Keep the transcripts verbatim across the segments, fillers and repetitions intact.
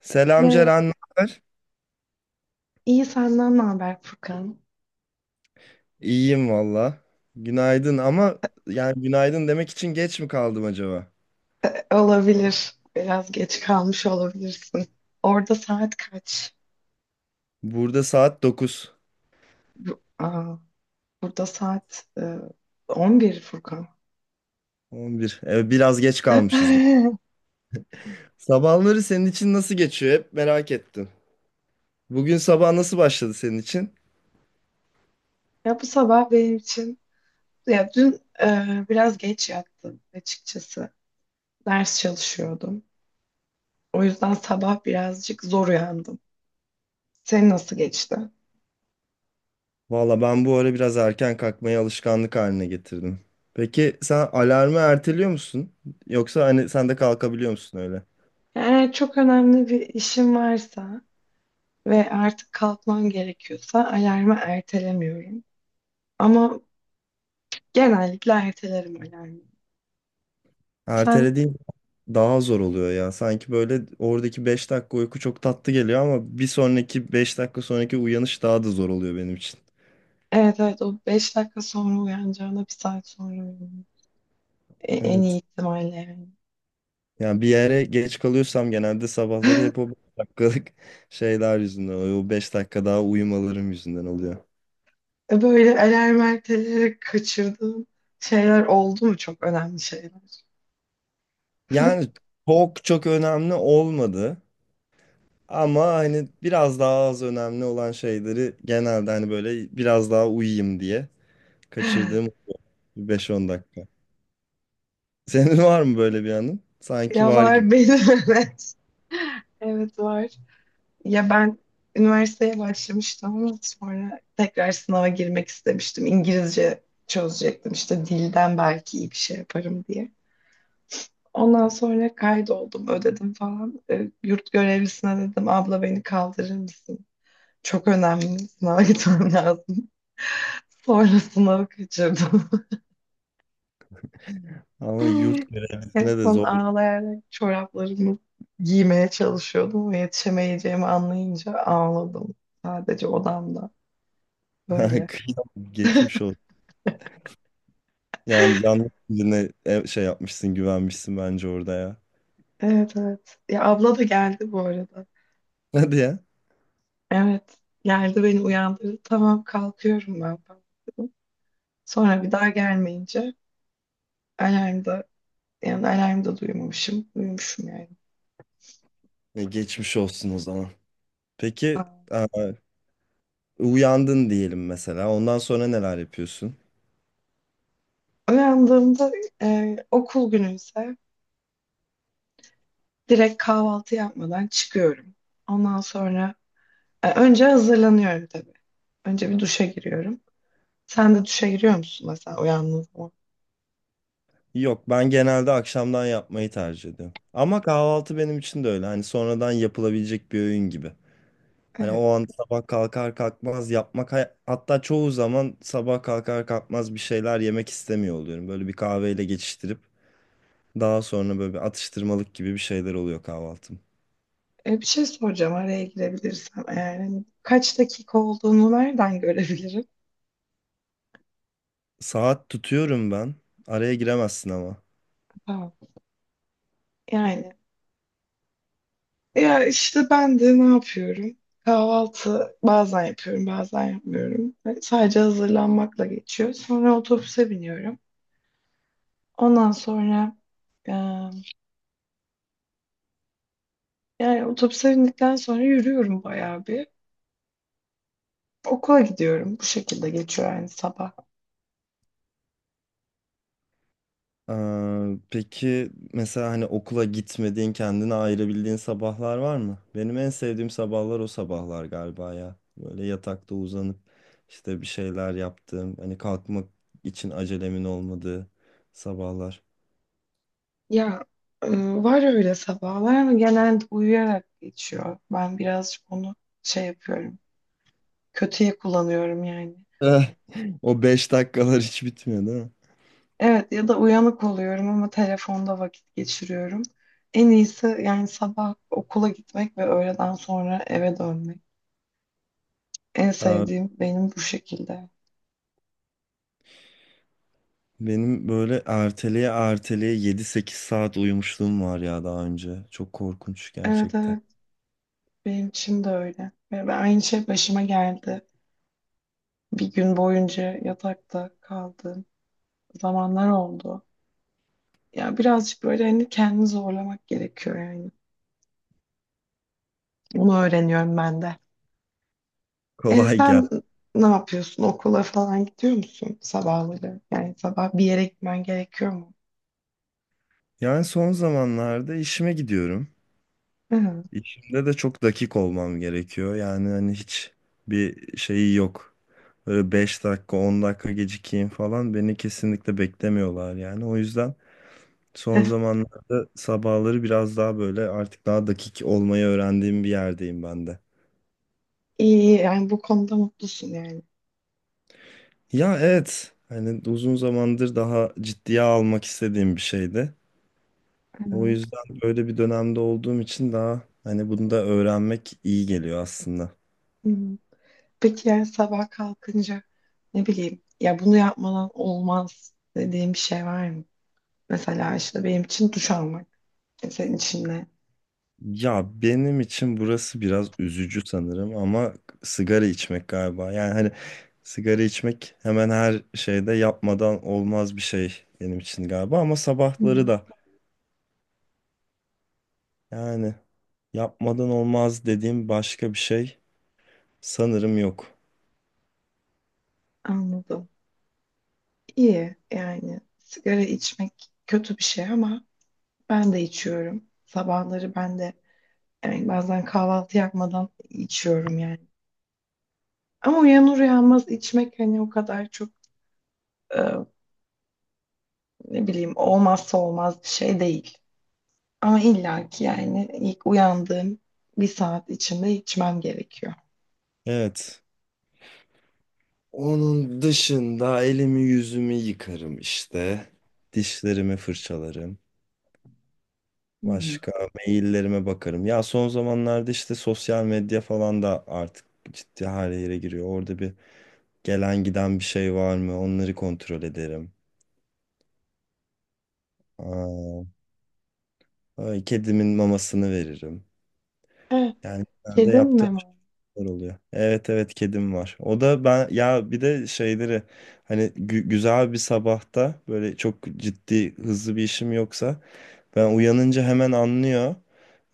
Selam Merhaba. Ceren, ne haber? İyi senden ne haber Furkan? İyiyim valla. Günaydın ama yani günaydın demek için geç mi kaldım acaba? E, Olabilir. Biraz geç kalmış olabilirsin. Orada saat kaç? Burada saat dokuz Bu- Aa, burada saat e, on bir Furkan. on bir, Evet, biraz geç kalmışız. Sabahları senin için nasıl geçiyor? Hep merak ettim. Bugün sabah nasıl başladı senin için? Ya bu sabah benim için ya dün e, biraz geç yattım açıkçası. Ders çalışıyordum. O yüzden sabah birazcık zor uyandım. Senin nasıl geçti? Valla ben bu ara biraz erken kalkmayı alışkanlık haline getirdim. Peki sen alarmı erteliyor musun? Yoksa hani sen de kalkabiliyor musun öyle? Eğer çok önemli bir işim varsa ve artık kalkmam gerekiyorsa alarmı ertelemiyorum. Ama genellikle ertelerim alarmı. Sen Ertelediğin daha zor oluyor ya. Sanki böyle oradaki beş dakika uyku çok tatlı geliyor ama bir sonraki beş dakika sonraki uyanış daha da zor oluyor benim için. evet evet o beş dakika sonra uyanacağına bir saat sonra uyanıyorsun. E, en iyi Evet. ihtimalle yani. Yani bir yere geç kalıyorsam genelde sabahları hep o beş dakikalık şeyler yüzünden oluyor. O beş dakika daha uyumalarım yüzünden oluyor. Böyle alarm erteleyerek kaçırdığım şeyler oldu mu? Çok önemli şeyler. Yani çok çok önemli olmadı. Ama hani biraz daha az önemli olan şeyleri genelde hani böyle biraz daha uyuyayım diye kaçırdığım beş on dakika. Senin var mı böyle bir anın? Sanki Ya var gibi. var benim evet. Evet var. Ya ben üniversiteye başlamıştım ama sonra tekrar sınava girmek istemiştim. İngilizce çözecektim işte dilden belki iyi bir şey yaparım diye. Ondan sonra kaydoldum, ödedim falan. E, yurt görevlisine dedim, abla beni kaldırır mısın? Çok önemli, sınava gitmem lazım. Sonra sınavı kaçırdım. Ama yurt En görevlisine de son zor. ağlayarak çoraplarımı giymeye çalışıyordum ve yetişemeyeceğimi anlayınca ağladım. Sadece odamda. Böyle. Kıyam geçmiş ol. Yani yanlış birine ev- şey yapmışsın, güvenmişsin bence orada ya. Evet evet. Ya abla da geldi bu arada. Hadi ya. Evet. Geldi beni uyandırdı. Tamam kalkıyorum ben falan dedim. Sonra bir daha gelmeyince alarm da yani alarmı da duymamışım. Uyumuşum yani. E, geçmiş olsun o zaman. Ha. Peki e, uyandın diyelim mesela. Ondan sonra neler yapıyorsun? Uyandığımda e, okul günü ise direkt kahvaltı yapmadan çıkıyorum. Ondan sonra e, önce hazırlanıyorum tabii. Önce bir duşa giriyorum. Sen de duşa giriyor musun mesela uyandığın zaman? Yok ben genelde akşamdan yapmayı tercih ediyorum. Ama kahvaltı benim için de öyle. Hani sonradan yapılabilecek bir öğün gibi. Hani o Evet. an sabah kalkar kalkmaz yapmak hay- hatta çoğu zaman sabah kalkar kalkmaz bir şeyler yemek istemiyor oluyorum. Böyle bir kahveyle geçiştirip Daha sonra böyle bir atıştırmalık gibi bir şeyler oluyor kahvaltım. E, bir şey soracağım araya girebilirsem eğer. Hani kaç dakika olduğunu nereden görebilirim? Saat tutuyorum ben. Araya giremezsin ama. Tamam. Yani ya işte ben de ne yapıyorum? Kahvaltı bazen yapıyorum, bazen yapmıyorum. Ve sadece hazırlanmakla geçiyor. Sonra otobüse biniyorum. Ondan sonra e, yani otobüse bindikten sonra yürüyorum bayağı bir. Okula gidiyorum. Bu şekilde geçiyor yani sabah. Ee, peki mesela hani okula gitmediğin, kendine ayırabildiğin sabahlar var mı? Benim en sevdiğim sabahlar o sabahlar galiba ya. Böyle yatakta uzanıp işte bir şeyler yaptığım, hani kalkmak için acelemin olmadığı sabahlar. Ya e, var öyle sabahlar ama genelde uyuyarak geçiyor. Ben birazcık onu şey yapıyorum. Kötüye kullanıyorum yani. Eh, O beş dakikalar hiç bitmiyor değil mi? Evet ya da uyanık oluyorum ama telefonda vakit geçiriyorum. En iyisi yani sabah okula gitmek ve öğleden sonra eve dönmek. En sevdiğim benim bu şekilde. Benim böyle erteleye erteleye yedi sekiz saat uyumuşluğum var ya daha önce. Çok korkunç Evet gerçekten. evet benim için de öyle. Ve ben aynı şey başıma geldi. Bir gün boyunca yatakta kaldığım zamanlar oldu. Ya birazcık böyle hani kendini zorlamak gerekiyor yani. Bunu öğreniyorum ben de. E, Kolay gel. Sen ne yapıyorsun? Okula falan gidiyor musun sabahları? Yani sabah bir yere gitmen gerekiyor mu? Yani son zamanlarda işime gidiyorum. Hı. İşimde de çok dakik olmam gerekiyor. Yani hani hiç bir şeyi yok. Böyle beş dakika on dakika gecikeyim falan beni kesinlikle beklemiyorlar yani. O yüzden son zamanlarda sabahları biraz daha böyle artık daha dakik olmayı öğrendiğim bir yerdeyim ben de. İyi iyi yani bu konuda mutlusun yani. Ya evet. Hani uzun zamandır daha ciddiye almak istediğim bir şeydi. O Hı. yüzden böyle bir dönemde olduğum için daha hani bunu da öğrenmek iyi geliyor aslında. Hı. Peki yani sabah kalkınca ne bileyim ya bunu yapmadan olmaz dediğim bir şey var mı? Mesela işte benim için duş almak. E, Senin için ne? Ya benim için burası biraz üzücü sanırım ama sigara içmek galiba. Yani hani sigara içmek hemen her şeyde yapmadan olmaz bir şey benim için galiba ama Hı. sabahları da yani yapmadan olmaz dediğim başka bir şey sanırım yok. Anladım. İyi yani sigara içmek kötü bir şey ama ben de içiyorum. Sabahları ben de yani bazen kahvaltı yapmadan içiyorum yani. Ama uyanır uyanmaz içmek hani o kadar çok ne bileyim olmazsa olmaz bir şey değil. Ama illa ki yani ilk uyandığım bir saat içinde içmem gerekiyor. Evet. Onun dışında elimi yüzümü yıkarım işte. Dişlerimi fırçalarım. Hmm. Başka maillerime bakarım. Ya son zamanlarda işte sosyal medya falan da artık ciddi her yere giriyor. Orada bir gelen giden bir şey var mı? Onları kontrol ederim. Aa, ay, kedimin mamasını veririm. Evet. Yani genelde Kedim yaptığım mi var? şeyler oluyor. Evet evet kedim var. O da ben ya bir de şeyleri hani gü- güzel bir sabahta böyle çok ciddi hızlı bir işim yoksa Ben uyanınca hemen anlıyor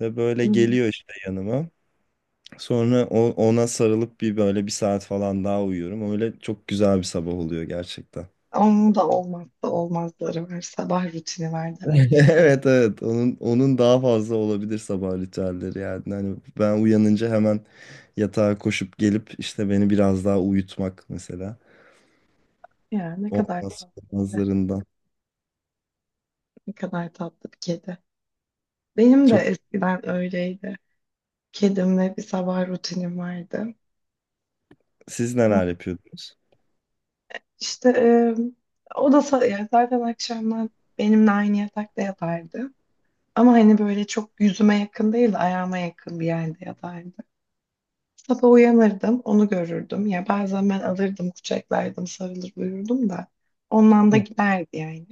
ve böyle Hmm. geliyor işte yanıma. Sonra o- ona sarılıp bir böyle bir saat falan daha uyuyorum. Öyle çok güzel bir sabah oluyor gerçekten. Onun da olmazsa olmazları var. Sabah rutini var demek. Evet evet onun onun daha fazla olabilir sabah ritüelleri yani. Hani ben uyanınca hemen yatağa koşup gelip işte beni biraz daha uyutmak mesela. Ya ne kadar Olmaz tatlı bir de. olmazlarından. Ne kadar tatlı bir kedi. Benim de Çok eskiden öyleydi. Kedimle bir sabah rutinim vardı. siz Ama neler yapıyordunuz? işte e, o da sa- yani zaten akşamlar benimle aynı yatakta yatardı. Ama hani böyle çok yüzüme yakın değil de ayağıma yakın bir yerde yatardı. Sabah uyanırdım, onu görürdüm. Ya bazen ben alırdım, kucaklardım, sarılır uyurdum da. Ondan da giderdi yani.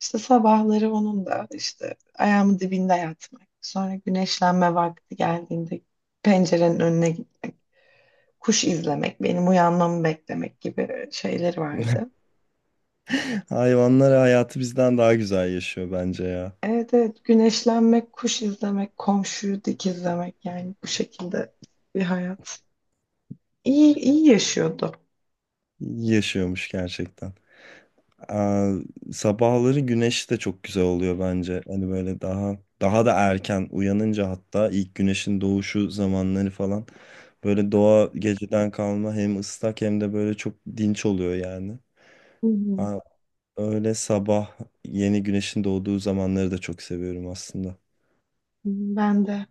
İşte sabahları onun da işte ayağımın dibinde yatmak. Sonra güneşlenme vakti geldiğinde pencerenin önüne gitmek, kuş izlemek, benim uyanmamı beklemek gibi şeyleri vardı. Hayvanlar hayatı bizden daha güzel yaşıyor bence ya. Evet evet güneşlenmek, kuş izlemek, komşuyu dikizlemek yani bu şekilde bir hayat. İyi, iyi yaşıyordu. Yaşıyormuş gerçekten. Aa, sabahları güneş de çok güzel oluyor bence. Hani böyle daha daha da erken uyanınca hatta ilk güneşin doğuşu zamanları falan böyle doğa geceden kalma hem ıslak hem de böyle çok dinç oluyor yani. Hı hı. Aa, öyle sabah yeni güneşin doğduğu zamanları da çok seviyorum aslında. Ben de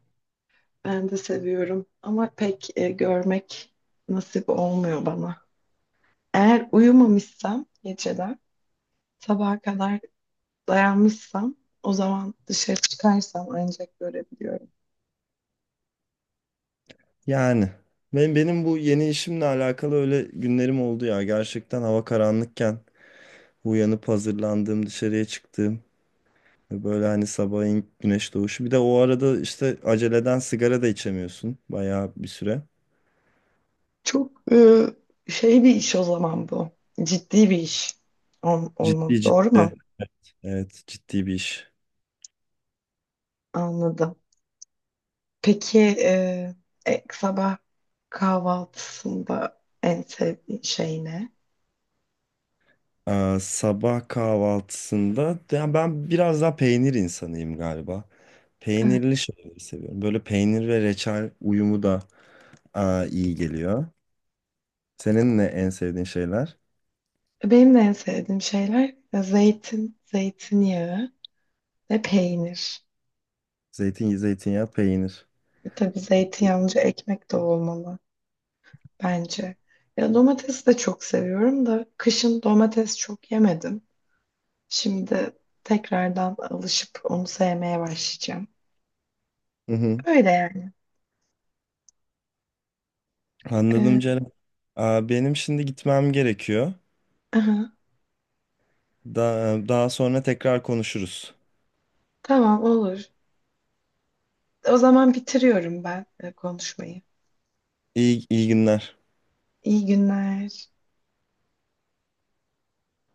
ben de seviyorum ama pek e, görmek nasip olmuyor bana. Eğer uyumamışsam geceler sabaha kadar dayanmışsam o zaman dışarı çıkarsam ancak görebiliyorum. Yani ben benim bu yeni işimle alakalı öyle günlerim oldu ya. Gerçekten hava karanlıkken uyanıp hazırlandığım, dışarıya çıktığım Ve Böyle hani sabahın güneş doğuşu. Bir de o arada işte aceleden sigara da içemiyorsun. Bayağı bir süre. Çok e, şey bir iş o zaman bu. Ciddi bir iş Ol, olmalı. Ciddi Doğru mu? ciddi. Evet ciddi bir iş. Anladım. Peki e, e, sabah kahvaltısında en sevdiğin şey ne? Ee, sabah kahvaltısında yani ben biraz daha peynir insanıyım galiba. Peynirli şeyleri seviyorum. Böyle peynir ve reçel uyumu da aa, iyi geliyor. Senin ne en sevdiğin şeyler? Benim de en sevdiğim şeyler e, zeytin, zeytinyağı ve peynir. Zeytin, zeytinyağı, peynir. E tabii zeytinyağlıca ekmek de olmalı bence. Ya domates de çok seviyorum da kışın domates çok yemedim. Şimdi tekrardan alışıp onu sevmeye başlayacağım. Hı hı. Öyle yani. Anladım E, Ceren. Aa, Benim şimdi gitmem gerekiyor. aha, Daha, daha sonra tekrar konuşuruz. tamam olur. O zaman bitiriyorum ben e, konuşmayı. İyi, iyi günler. İyi günler.